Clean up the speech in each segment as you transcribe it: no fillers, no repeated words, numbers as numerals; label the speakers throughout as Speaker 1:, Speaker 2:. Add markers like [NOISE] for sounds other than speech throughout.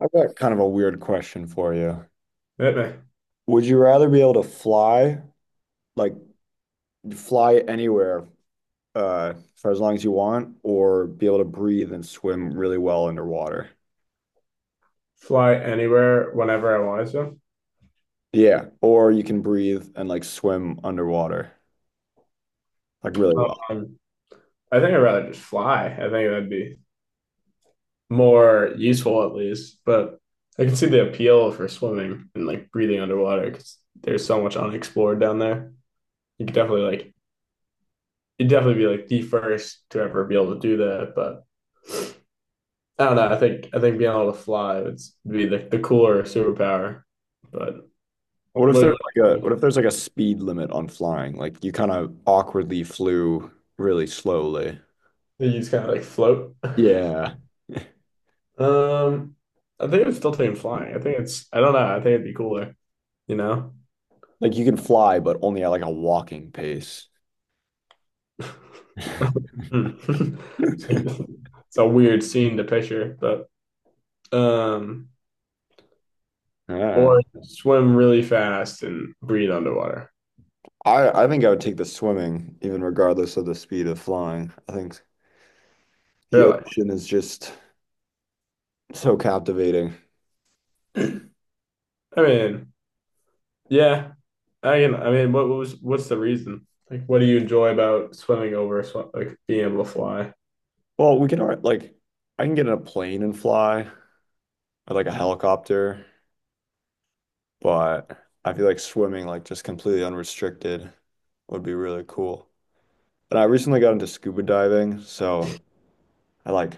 Speaker 1: I've got kind of a weird question for you.
Speaker 2: Maybe
Speaker 1: Would you rather be able to fly, like fly anywhere, for as long as you want, or be able to breathe and swim really well underwater?
Speaker 2: fly anywhere whenever I wanted to.
Speaker 1: Yeah, or you can breathe and like swim underwater, like really well.
Speaker 2: Um, I think I'd rather just fly. I think that'd be more useful at least. But I can see the appeal for swimming and like breathing underwater because there's so much unexplored down there. You could definitely like you'd definitely be like the first to ever be able to do that. But I don't know. I think being able to fly would be the cooler superpower. But
Speaker 1: What if
Speaker 2: what,
Speaker 1: there's
Speaker 2: do
Speaker 1: like a
Speaker 2: you
Speaker 1: what if there's like a speed limit on flying? Like you kind of awkwardly flew really slowly.
Speaker 2: you just kind of like float. [LAUGHS]
Speaker 1: Yeah. [LAUGHS]
Speaker 2: Um, I think I'm still taking flying. I don't know. I think it'd be cooler, you know?
Speaker 1: Like you can fly, but only at like a walking pace.
Speaker 2: [LAUGHS]
Speaker 1: [LAUGHS] I
Speaker 2: Hmm. [LAUGHS]
Speaker 1: don't
Speaker 2: It's a weird scene to picture, but um,
Speaker 1: know.
Speaker 2: or swim really fast and breathe underwater.
Speaker 1: I think I would take the swimming, even regardless of the speed of flying. I think the
Speaker 2: Really?
Speaker 1: ocean is just so captivating.
Speaker 2: I mean, yeah. I mean, what was what's the reason? Like, what do you enjoy about swimming over sw like being able to fly?
Speaker 1: Well, we can like I can get in a plane and fly, or like a helicopter, but I feel like swimming, like just completely unrestricted, would be really cool. And I recently got into scuba diving, so I like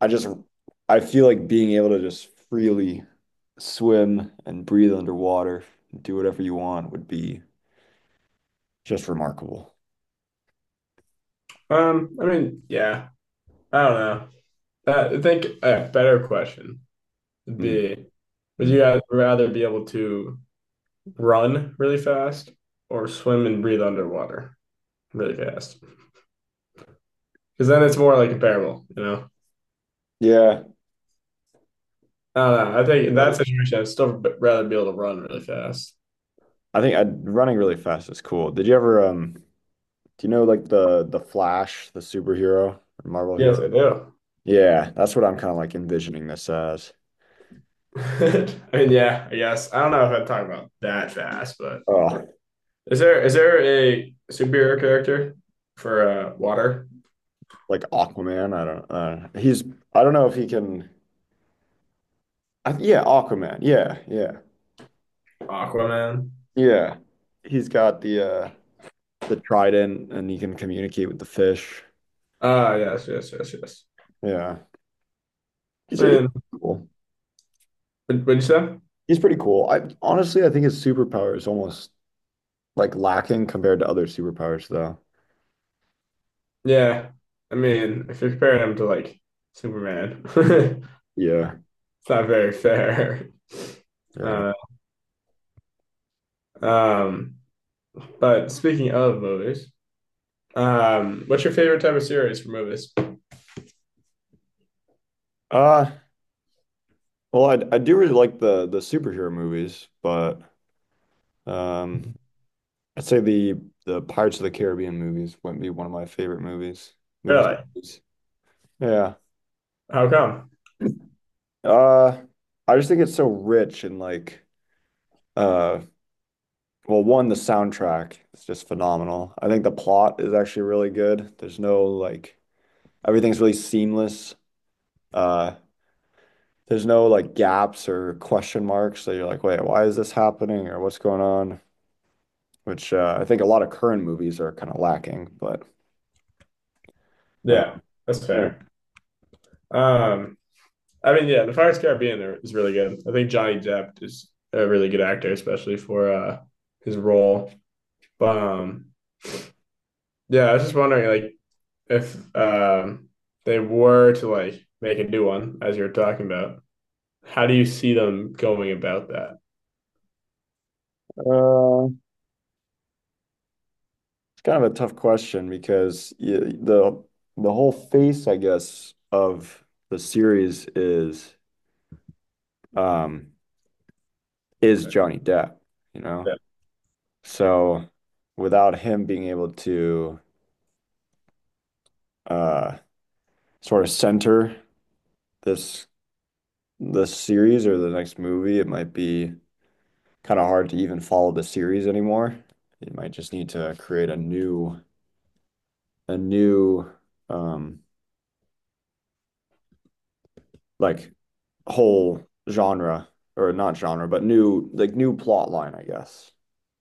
Speaker 1: I just I feel like being able to just freely swim and breathe underwater, do whatever you want, would be just remarkable.
Speaker 2: I mean, yeah. I don't know. I think a better question.
Speaker 1: Mm,
Speaker 2: Be Would you
Speaker 1: mm.
Speaker 2: guys rather be able to run really fast or swim and breathe underwater really fast? Because then it's more like comparable, you know?
Speaker 1: Yeah.
Speaker 2: I don't know. I think in
Speaker 1: That-
Speaker 2: that situation, I'd still rather be able to run really fast.
Speaker 1: I think I running really fast is cool. Did you ever do you know like the Flash, the superhero, Marvel
Speaker 2: Yes, I
Speaker 1: hero?
Speaker 2: do.
Speaker 1: Yeah, that's what I'm kind of like envisioning this as.
Speaker 2: [LAUGHS] I mean, yeah, I guess. I don't know if I'd talk about that fast, but
Speaker 1: Oh,
Speaker 2: is there a superhero character for water?
Speaker 1: like Aquaman. I don't he's I don't know if he can I, yeah, Aquaman. Yeah, yeah.
Speaker 2: Aquaman?
Speaker 1: Yeah. He's got the trident and he can communicate with the fish.
Speaker 2: Ah, yes, yes, yes, yes.
Speaker 1: Yeah.
Speaker 2: I
Speaker 1: He's
Speaker 2: mean,
Speaker 1: cool.
Speaker 2: what'd you say?
Speaker 1: He's pretty cool. I honestly I think his superpower is almost like lacking compared to other superpowers though.
Speaker 2: Yeah. I mean, if you're comparing him to like Superman, [LAUGHS] it's
Speaker 1: Yeah,
Speaker 2: not very fair.
Speaker 1: yeah.
Speaker 2: Uh, um, but speaking of movies, what's your favorite type of series for movies?
Speaker 1: Uh, well, I do really like the superhero movies, but um, I'd say the Pirates of the Caribbean movies would be one of my favorite movies. Movies.
Speaker 2: Really?
Speaker 1: Yeah.
Speaker 2: How come?
Speaker 1: Uh, I just think it's so rich and like uh, well, one, the soundtrack is just phenomenal. I think the plot is actually really good. There's no like everything's really seamless. Uh, there's no like gaps or question marks that you're like, wait, why is this happening or what's going on? Which I think a lot of current movies are kind of lacking. But uh,
Speaker 2: Yeah, that's
Speaker 1: yeah,
Speaker 2: fair. Um, I mean, yeah, the Pirates of the Caribbean is really good. I think Johnny Depp is a really good actor, especially for his role. But yeah, I was just wondering, like, if they were to like make a new one, as you are talking about, how do you see them going about that?
Speaker 1: uh, it's kind of a tough question because y the whole face, I guess, of the series um, is Johnny Depp, you know?
Speaker 2: Yeah,
Speaker 1: So without him being able to uh, sort of center this this series or the next movie, it might be kind of hard to even follow the series anymore. You might just need to create a new um like whole genre, or not genre, but new like new plot line, I guess.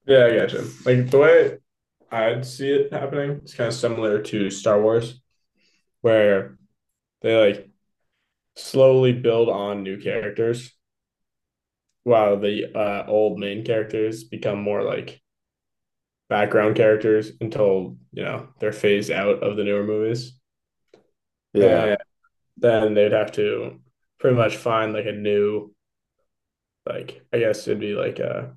Speaker 2: yeah, I gotcha. Like the way I'd see it happening is kind of similar to Star Wars, where they like slowly build on new characters while the old main characters become more like background characters until you know they're phased out of the newer movies,
Speaker 1: Yeah,
Speaker 2: and then they'd have to pretty much find like a new like I guess it'd be like a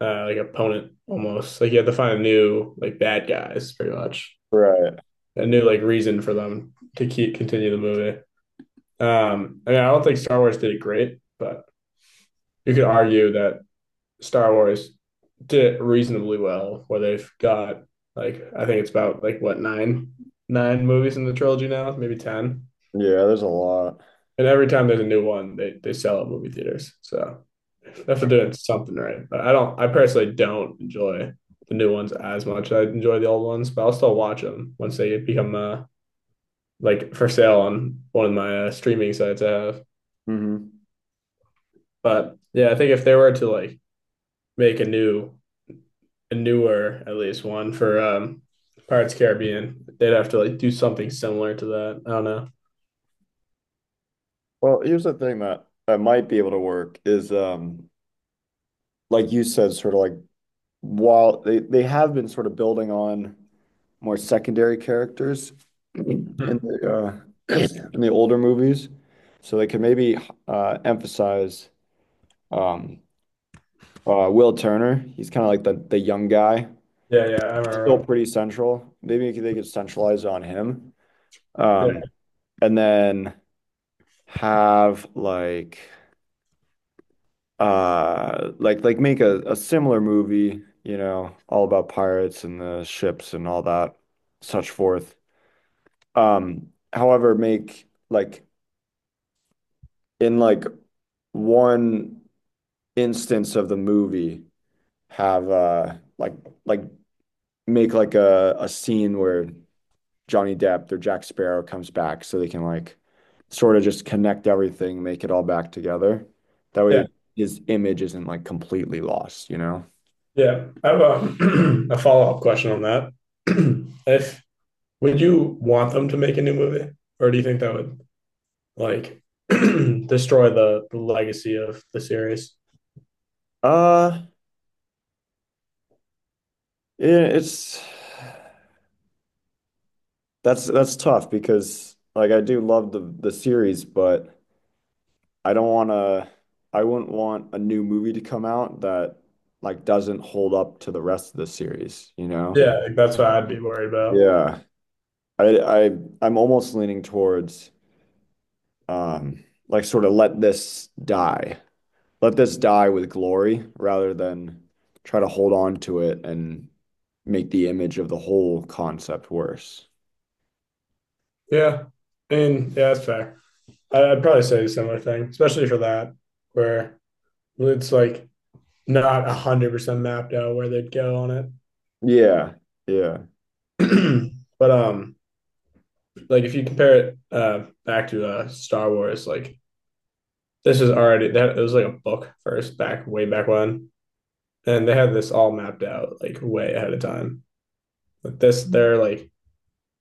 Speaker 2: like opponent almost. Like you have to find a new like bad guys pretty much.
Speaker 1: right.
Speaker 2: A new like reason for them to keep continue the movie. I mean I don't think Star Wars did it great, but you could argue that Star Wars did it reasonably well where they've got like I think it's about like what nine movies in the trilogy now, maybe 10.
Speaker 1: Yeah, there's a lot.
Speaker 2: And every time there's a new one, they sell at movie theaters. So that's for doing something right. But I don't. I personally don't enjoy the new ones as much. I enjoy the old ones, but I'll still watch them once they become like for sale on one of my streaming sites I have.
Speaker 1: Hmm
Speaker 2: But yeah, I think if they were to like make a newer at least one for Pirates of the Caribbean, they'd have to like do something similar to that. I don't know.
Speaker 1: Well, here's the thing that that might be able to work is like you said, sort of like while they have been sort of building on more secondary characters in
Speaker 2: Hmm.
Speaker 1: the uh [CLEARS THROAT] in the older movies, so they could maybe emphasize um Will Turner, he's kind of like the young guy,
Speaker 2: Yeah, yeah, I
Speaker 1: still
Speaker 2: remember.
Speaker 1: pretty central. Maybe they could centralize on him.
Speaker 2: Yeah,
Speaker 1: Um, and then have like like make a similar movie, you know, all about pirates and the ships and all that, such forth. However, make like in like one instance of the movie have like make like a scene where Johnny Depp or Jack Sparrow comes back so they can like sort of just connect everything, make it all back together. That
Speaker 2: yeah.
Speaker 1: way his image isn't like completely lost, you know?
Speaker 2: Yeah, I have a, [CLEARS THROAT] a follow-up question on that. [CLEARS THROAT] If would you want them to make a new movie, or do you think that would like [CLEARS THROAT] destroy the legacy of the series?
Speaker 1: Uh, yeah, it's that's tough because like I do love the series, but I don't want to I wouldn't want a new movie to come out that like doesn't hold up to the rest of the series, you know?
Speaker 2: Yeah, like, that's what I'd be worried about.
Speaker 1: Yeah. I I I'm almost leaning towards like sort of let this die. Let this die with glory rather than try to hold on to it and make the image of the whole concept worse.
Speaker 2: Yeah, I mean, yeah, that's fair. I'd probably say a similar thing, especially for that, where it's like not 100% mapped out where they'd go on
Speaker 1: Yeah, yeah.
Speaker 2: it. [CLEARS THROAT] But like if you compare it back to Star Wars, like this is already that it was like a book first back way back when, and they had this all mapped out like way ahead of time. Like this, they're like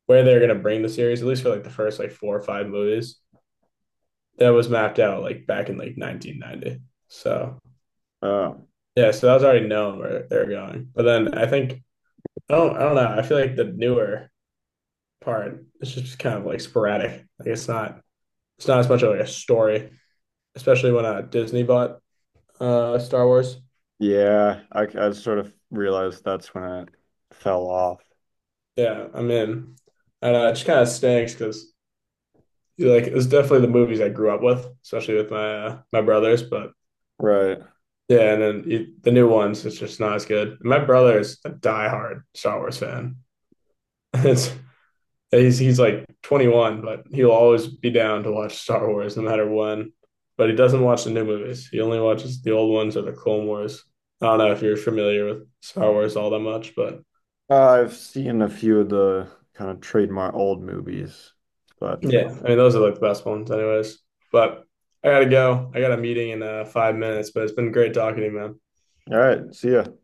Speaker 2: where they're gonna bring the series at least for like the first like four or five movies that was mapped out like back in like 1990. So
Speaker 1: Oh,
Speaker 2: yeah, so that was already known where they're going. But then I think I don't know. I feel like the newer part is just kind of like sporadic. Like it's not as much of like a story, especially when Disney bought Star Wars.
Speaker 1: yeah. I sort of realized that's when it fell off.
Speaker 2: Yeah, I'm in. I don't know, it just kind of stinks because like it was definitely the movies I grew up with, especially with my brothers. But
Speaker 1: Right.
Speaker 2: yeah, and then the new ones, it's just not as good. My brother is a diehard Star Wars fan. [LAUGHS] It's he's like 21, but he'll always be down to watch Star Wars no matter when. But he doesn't watch the new movies. He only watches the old ones or the Clone Wars. I don't know if you're familiar with Star Wars all that much, but
Speaker 1: I've seen a few of the kind of trademark old movies, but
Speaker 2: yeah, I mean those are like the best ones, anyways. But I gotta go. I got a meeting in 5 minutes, but it's been great talking to you, man.
Speaker 1: all right, see ya.